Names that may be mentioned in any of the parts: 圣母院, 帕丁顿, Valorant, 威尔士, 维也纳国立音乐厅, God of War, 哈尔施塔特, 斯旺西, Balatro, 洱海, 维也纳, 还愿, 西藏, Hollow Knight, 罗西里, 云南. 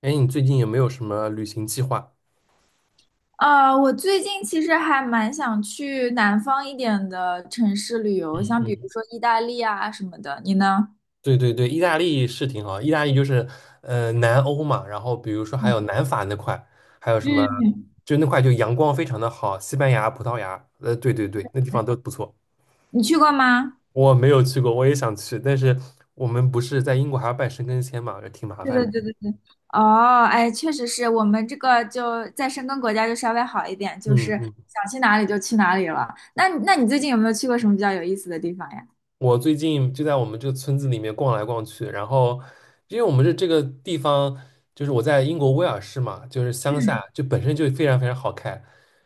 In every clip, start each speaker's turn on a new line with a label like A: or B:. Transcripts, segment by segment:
A: 哎，你最近有没有什么旅行计划？
B: 我最近其实还蛮想去南方一点的城市旅游，像比如说意大利啊什么的。你呢？
A: 对对对，意大利是挺好，意大利就是南欧嘛，然后比如说还
B: 嗯，
A: 有南法那块，还有什么，
B: 嗯，
A: 就那块就阳光非常的好，西班牙、葡萄牙，对对对，那地方都不错。
B: 你去过吗？
A: 我没有去过，我也想去，但是我们不是在英国还要办申根签嘛，就挺麻
B: 对
A: 烦
B: 对
A: 的。
B: 对对对。哦，哎，确实是我们这个就在申根国家就稍微好一点，就是
A: 嗯嗯。
B: 想去哪里就去哪里了。那你最近有没有去过什么比较有意思的地方呀？
A: 我最近就在我们这个村子里面逛来逛去，然后因为我们这个地方，就是我在英国威尔士嘛，就是乡下，
B: 嗯，
A: 就本身就非常非常好看，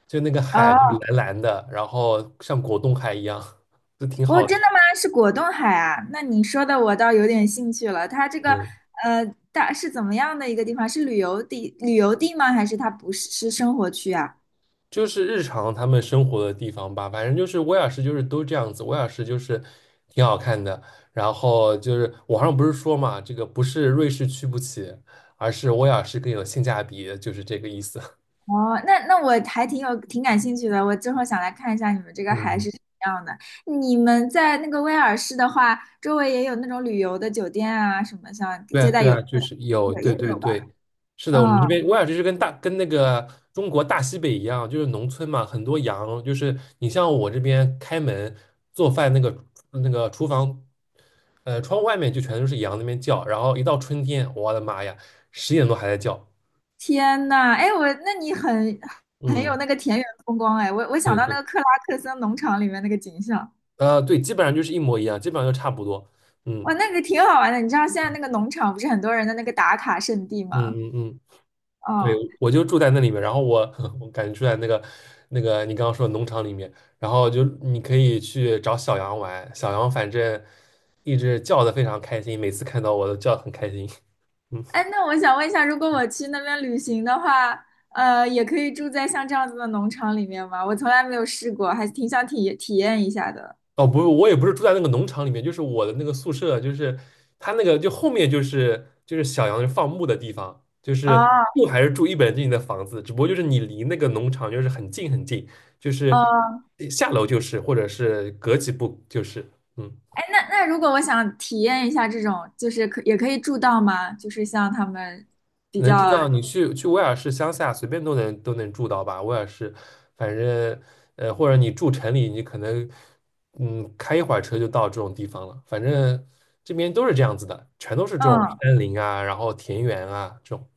A: 就那个海
B: 啊。
A: 就是蓝蓝的，然后像果冻海一样，就挺
B: 哦，
A: 好
B: 真
A: 的。
B: 的吗？是果冻海啊？那你说的我倒有点兴趣了。它这个
A: 嗯，
B: 呃，大是怎么样的一个地方？是旅游地旅游地吗？还是它不是是生活区啊？
A: 就是日常他们生活的地方吧，反正就是威尔士就是都这样子，威尔士就是挺好看的。然后就是网上不是说嘛，这个不是瑞士去不起，而是威尔士更有性价比，就是这个意思。
B: 哦，那我还挺感兴趣的。我之后想来看一下你们这个海是
A: 嗯，
B: 什么样的。你们在那个威尔士的话，周围也有那种旅游的酒店啊，什么像
A: 对啊，
B: 接待
A: 对
B: 游
A: 啊，
B: 客
A: 就是有，
B: 也
A: 对对
B: 有吧？
A: 对，是的，
B: 嗯，
A: 我们这边威尔士是跟那个中国大西北一样，就是农村嘛，很多羊，就是你像我这边开门做饭那个厨房，窗户外面就全都是羊那边叫，然后一到春天，我的妈呀，10点多还在叫。
B: 天呐，哎，那你很有
A: 嗯，
B: 那个田园风光哎，我想
A: 对
B: 到那
A: 对，
B: 个克拉克森农场里面那个景象。
A: 对，基本上就是一模一样，基本上就差不多。
B: 哇，
A: 嗯
B: 那个挺好玩的。你知道现在那个农场不是很多人的那个打卡圣地
A: 嗯
B: 吗？
A: 嗯嗯。对，
B: 哦，
A: 我就住在那里面，然后我 我感觉住在那个你刚刚说的农场里面，然后就你可以去找小羊玩，小羊反正一直叫的非常开心，每次看到我都叫得很开心。嗯。
B: 哎，那我想问一下，如果我去那边旅行的话，也可以住在像这样子的农场里面吗？我从来没有试过，还挺想体验一下的。
A: 哦，不是，我也不是住在那个农场里面，就是我的那个宿舍，就是它那个就后面就是小羊放牧的地方。就是
B: 哦，
A: 住还是住一本正经的房子，只不过就是你离那个农场就是很近很近，就是
B: 哦，
A: 下楼就是，或者是隔几步就是。嗯。
B: 哎，那如果我想体验一下这种，就是也可以住到吗？就是像他们比
A: 能住
B: 较，
A: 到。你去威尔士乡下，随便都能住到吧。威尔士，反正或者你住城里，你可能开一会儿车就到这种地方了。反正这边都是这样子的，全都是这种
B: 嗯，
A: 山林啊，然后田园啊这种。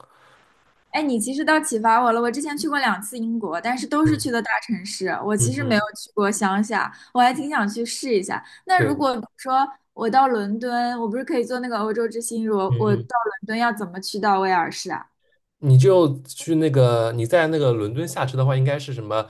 B: 哎，你其实倒启发我了。我之前去过两次英国，但是都是去
A: 嗯
B: 的大城市。我
A: 嗯
B: 其实没有
A: 嗯。
B: 去过乡下，我还挺想去试一下。那如
A: 对。
B: 果比如说我到伦敦，我不是可以坐那个欧洲之星？如果
A: 嗯
B: 我到
A: 嗯。
B: 伦敦要怎么去到威尔士啊？
A: 你就去那个，你在那个伦敦下车的话，应该是什么，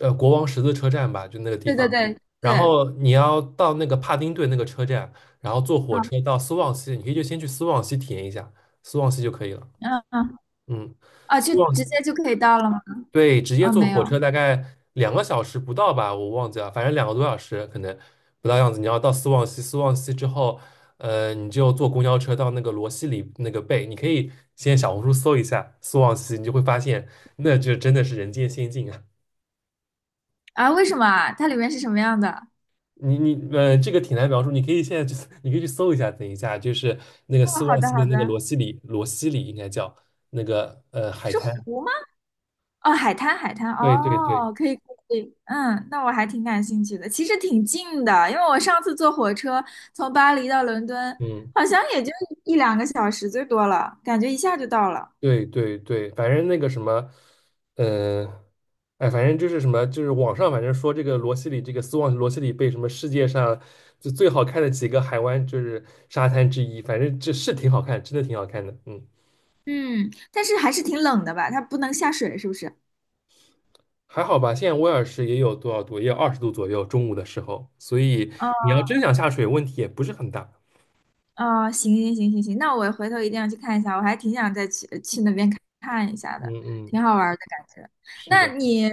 A: 国王十字车站吧，就那个地
B: 对对
A: 方。
B: 对
A: 然
B: 对，
A: 后你要到那个帕丁顿那个车站，然后坐火车
B: 嗯
A: 到斯旺西，你可以就先去斯旺西体验一下，斯旺西就可以了。
B: 嗯嗯，
A: 嗯。
B: 啊，
A: 斯
B: 就
A: 旺
B: 直
A: 西，
B: 接就可以到了吗？
A: 对，直接
B: 啊，
A: 坐
B: 没
A: 火车
B: 有
A: 大概2个小时不到吧，我忘记了，反正2个多小时可能不到样子。你要到斯旺西，斯旺西之后，你就坐公交车到那个罗西里那个贝，你可以先小红书搜一下斯旺西，你就会发现那就真的是人间仙境啊。
B: 啊，为什么啊？它里面是什么样的？
A: 你你呃，这个挺难描述，你可以现在就 你可以去搜一下，等一下就是那个
B: 哦，
A: 斯
B: 好
A: 旺
B: 的
A: 西
B: 好
A: 的那个
B: 的，
A: 罗西里，罗西里应该叫那个海
B: 是
A: 滩。
B: 湖吗？哦，海滩，海滩，
A: 对对对。
B: 哦，可以，可以，嗯，那我还挺感兴趣的。其实挺近的，因为我上次坐火车从巴黎到伦敦，
A: 嗯。
B: 好像也就一两个小时最多了，感觉一下就到了。
A: 对对对，反正那个什么，嗯、呃，哎，反正就是什么，就是网上反正说这个罗西里，这个斯旺罗西里被什么世界上就最好看的几个海湾就是沙滩之一，反正这是挺好看，真的挺好看的。嗯。
B: 嗯，但是还是挺冷的吧？它不能下水，是不是？
A: 还好吧。现在威尔士也有多少度，也有20度左右，中午的时候，所以你要真想下水，问题也不是很大。
B: 啊，行行行行行，那我回头一定要去看一下，我还挺想再去那边看看一下
A: 嗯
B: 的，
A: 嗯。
B: 挺好玩儿的感觉。
A: 是
B: 那
A: 的。嗯。
B: 你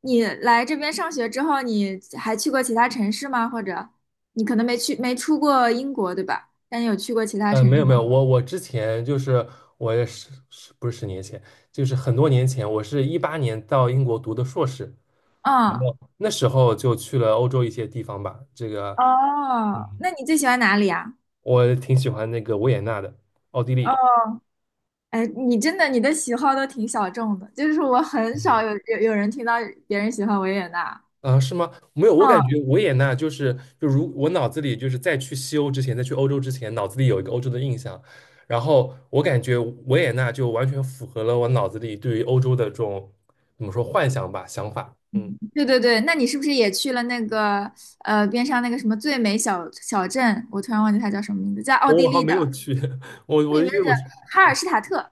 B: 你来这边上学之后，你还去过其他城市吗？或者你可能没出过英国，对吧？但你有去过其他城
A: 没
B: 市
A: 有没
B: 吗？
A: 有，我之前就是，我也是是不是10年前，就是很多年前，我是2018年到英国读的硕士。然
B: 嗯，
A: 后那时候就去了欧洲一些地方吧，这个
B: 哦，
A: 嗯
B: 那你最喜欢哪里啊？
A: 我挺喜欢那个维也纳的，奥地利。
B: 哦，哎，你的喜好都挺小众的，就是我很少
A: 嗯
B: 有人听到别人喜欢维也纳。
A: 啊，是吗？没有，我感
B: 嗯。
A: 觉维也纳就是，就如我脑子里就是在去西欧之前，在去欧洲之前，脑子里有一个欧洲的印象，然后我感觉维也纳就完全符合了我脑子里对于欧洲的这种怎么说幻想吧，想法。嗯。
B: 对对对，那你是不是也去了那个边上那个什么最美小镇？我突然忘记它叫什么名字，在奥地
A: 我好
B: 利
A: 像没
B: 的，
A: 有去，我
B: 你
A: 我
B: 们
A: 因为
B: 那
A: 我
B: 个
A: 是
B: 哈尔施塔特，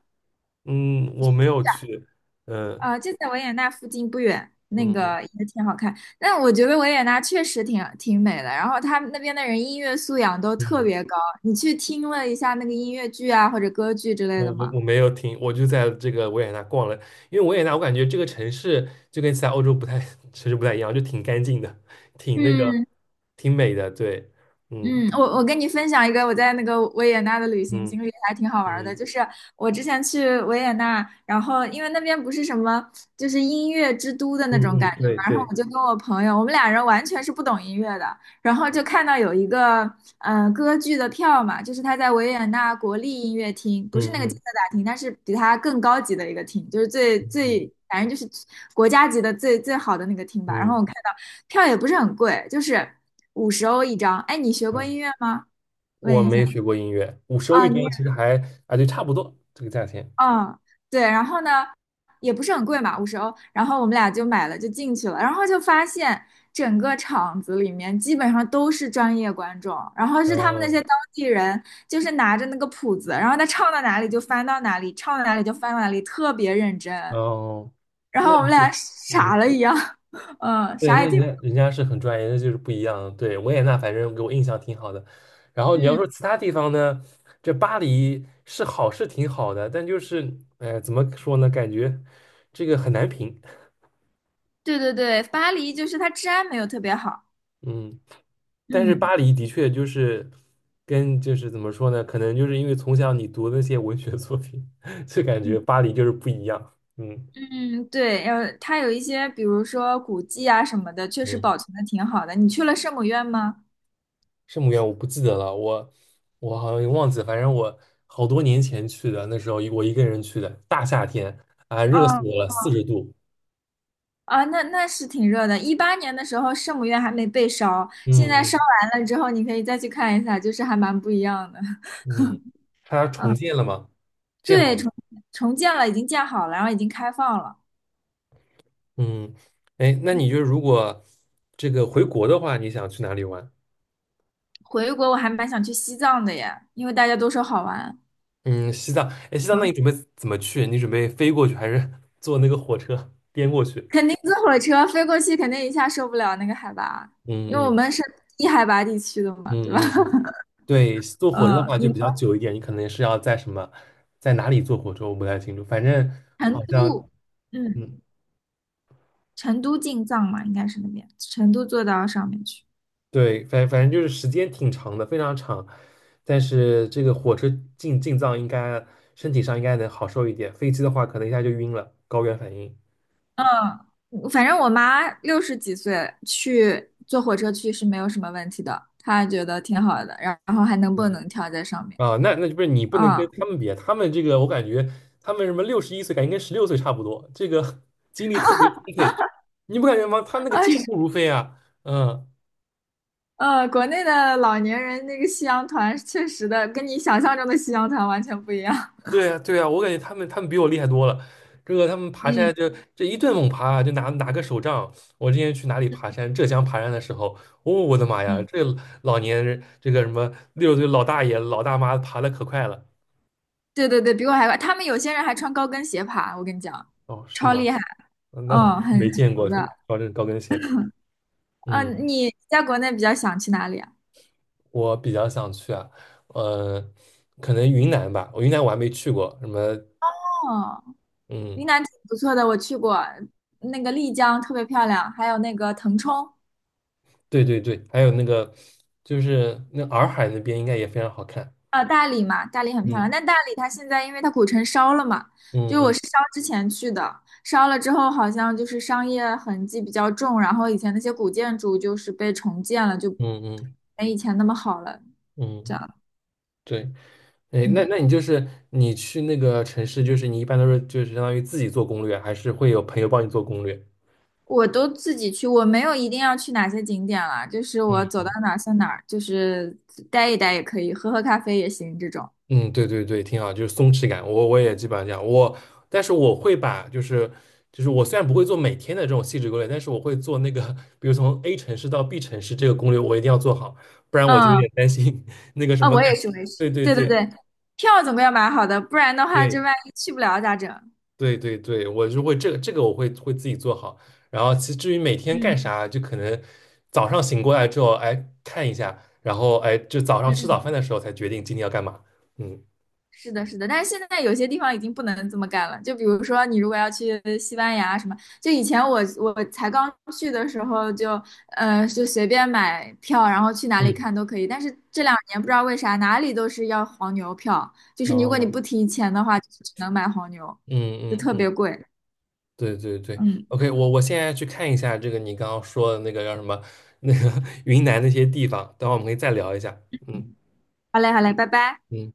A: 嗯我没有去。嗯
B: 就在维也纳附近不远，那
A: 嗯。嗯
B: 个也挺好看。但我觉得维也纳确实挺美的，然后他们那边的人音乐素养都特
A: 嗯
B: 别高。你去听了一下那个音乐剧啊或者歌剧之类
A: 我
B: 的
A: 我
B: 吗？
A: 我没有听，我就在这个维也纳逛了，因为维也纳我感觉这个城市就跟其他欧洲不太 城市不太一样，就挺干净的，挺那个，
B: 嗯，
A: 挺美的。对。嗯
B: 嗯，我跟你分享一个我在那个维也纳的旅行
A: 嗯
B: 经历，还挺好玩儿的。
A: 嗯
B: 就是我之前去维也纳，然后因为那边不是什么就是音乐之都的那种
A: 嗯
B: 感
A: 嗯。
B: 觉嘛，
A: 对
B: 然后
A: 对。
B: 我就跟我朋友，我们俩人完全是不懂音乐的，然后就看到有一个歌剧的票嘛，就是他在维也纳国立音乐厅，不
A: 嗯
B: 是那个金色
A: 嗯
B: 大厅，但是比它更高级的一个厅，就是
A: 嗯
B: 反正就是国家级的最最好的那个厅吧。然后
A: 嗯
B: 我看到票也不是很贵，就是五十欧一张。哎，你学过
A: 嗯。
B: 音乐吗？问
A: 我
B: 一下
A: 没学过音乐，我收欧
B: 啊，
A: 一
B: 你也
A: 张其实还，啊就差不多这个价钱。
B: 啊，对，然后呢，也不是很贵嘛，五十欧。然后我们俩就买了，就进去了，然后就发现整个场子里面基本上都是专业观众，然后
A: 然
B: 是他们那些
A: 后
B: 当地人，就是拿着那个谱子，然后他唱到哪里就翻到哪里，唱到哪里就翻到哪里，特别认真。
A: 然后
B: 然
A: 那
B: 后我们俩
A: 你
B: 傻
A: 嗯
B: 了一样，嗯，
A: 对，
B: 啥
A: 那
B: 也
A: 人
B: 听不
A: 家人家是很专业，那就是不一样。对，维也纳，反正给我印象挺好的。然后你要说
B: 嗯，
A: 其他地方呢，这巴黎是好是挺好的，但就是，怎么说呢？感觉这个很难评。
B: 对对对，巴黎就是它治安没有特别好。
A: 嗯。但是
B: 嗯
A: 巴黎的确就是跟就是怎么说呢？可能就是因为从小你读那些文学作品，就感
B: 嗯
A: 觉巴黎就是不一样。嗯
B: 嗯，对，它有一些，比如说古迹啊什么的，确实
A: 嗯。
B: 保存的挺好的。你去了圣母院吗？
A: 圣母院我不记得了，我好像也忘记了，反正我好多年前去的，那时候我一个人去的，大夏天啊，热死
B: 啊
A: 我了，40度。
B: 啊，那是挺热的。18年的时候，圣母院还没被烧，现在
A: 嗯
B: 烧完了之后，你可以再去看一下，就是还蛮不一样的。
A: 嗯嗯。它重建了嘛，建好
B: 对，
A: 了。
B: 重建了，已经建好了，然后已经开放了。
A: 嗯。哎，那
B: 嗯，
A: 你就是如果这个回国的话，你想去哪里玩？
B: 回国我还蛮想去西藏的耶，因为大家都说好玩。
A: 嗯，西藏，哎，西藏，那你
B: 啊，
A: 准备怎么去？你准备飞过去，还是 坐那个火车 颠过去？
B: 肯定坐火车飞过去，肯定一下受不了那个海拔，因为
A: 嗯
B: 我
A: 嗯
B: 们是低海拔地区的嘛，对吧？
A: 嗯嗯嗯。对，坐火车的
B: 呃，
A: 话就
B: 你
A: 比较久一点，你可能是要在什么，在哪里坐火车，我不太清楚。反正
B: 成
A: 好
B: 都，
A: 像，
B: 嗯，
A: 嗯，
B: 成都进藏嘛，应该是那边，成都坐到上面去。
A: 对，反正就是时间挺长的，非常长。但是这个火车进藏应该身体上应该能好受一点，飞机的话可能一下就晕了，高原反应。
B: 嗯，反正我妈六十几岁去坐火车去是没有什么问题的，她觉得挺好的，然后还能蹦
A: 嗯。
B: 能跳在上面。
A: 啊，那就不是，你不
B: 嗯，
A: 能跟
B: 啊
A: 他们比，他们这个我感觉他们什么61岁，感觉跟16岁差不多，这个 精力特别充沛，你不感觉吗？他那个健
B: 是，
A: 步如飞啊。嗯。
B: 国内的老年人那个夕阳团，确实的跟你想象中的夕阳团完全不一样。
A: 对呀，对呀，我感觉他们比我厉害多了。这个他们 爬
B: 嗯
A: 山就这一顿猛爬啊就拿个手杖。我之前去哪里爬山，浙江爬山的时候，哦，我的妈呀，
B: 嗯，
A: 这老年人这个什么60岁老大爷老大妈爬的可快了。
B: 对对对，比我还快，他们有些人还穿高跟鞋爬，我跟你讲，
A: 哦，是
B: 超
A: 吗？
B: 厉害。
A: 那我
B: 嗯，很
A: 没见过
B: 牛的。
A: 高跟鞋吧？嗯。
B: 嗯，你在国内比较想去哪里啊？
A: 我比较想去啊，呃，可能云南吧，我云南我还没去过。什么？
B: 哦，云
A: 嗯。
B: 南挺不错的，我去过，那个丽江特别漂亮，还有那个腾冲，
A: 对对对，还有那个就是那洱海那边应该也非常好看。
B: 大理嘛，大理很漂亮。
A: 嗯。
B: 但大理它现在因为它古城烧了嘛，
A: 嗯
B: 就是我
A: 嗯
B: 是烧之前去的，烧了之后好像就是商业痕迹比较重，然后以前那些古建筑就是被重建了，就
A: 嗯嗯
B: 没以前那么好了，这
A: 嗯。
B: 样。
A: 对。哎，那
B: 嗯。
A: 那你就是你去那个城市，就是你一般都是就是相当于自己做攻略，还是会有朋友帮你做攻略？
B: 我都自己去，我没有一定要去哪些景点了，就是我走
A: 嗯。
B: 到哪儿算哪儿，就是待一待也可以，喝喝咖啡也行这种。
A: 嗯。对对对，挺好，就是松弛感，我也基本上这样，我但是我会把就是我虽然不会做每天的这种细致攻略，但是我会做那个，比如从 A 城市到 B 城市这个攻略，我一定要做好，不然我就有
B: 嗯，
A: 点担心 那个什
B: 啊，
A: 么
B: 我也
A: 感。
B: 是，我也是。
A: 对对
B: 对对
A: 对
B: 对，票总归要买好的，不然的话，这
A: 对
B: 万一去不了咋整？
A: 对对对。我就会这个我会自己做好。然后至于每天
B: 嗯
A: 干啥，就可能早上醒过来之后，哎看一下，然后哎就早上吃早
B: 嗯。
A: 饭的时候才决定今天要干嘛。嗯
B: 是的，是的，但是现在有些地方已经不能这么干了。就比如说，你如果要去西班牙什么，就以前我才刚去的时候就，就随便买票，然后去哪里
A: 嗯。
B: 看都可以。但是这两年不知道为啥，哪里都是要黄牛票，就是
A: 然
B: 如
A: 后
B: 果你
A: 呢？
B: 不提前的话，就只能买黄牛，
A: 嗯
B: 就
A: 嗯
B: 特
A: 嗯。
B: 别贵。
A: 对对对
B: 嗯，
A: ，OK，我现在去看一下这个你刚刚说的那个叫什么那个 云南那些地方，等会儿我们可以再聊一下。嗯。
B: 好嘞，好嘞，拜拜。
A: 嗯。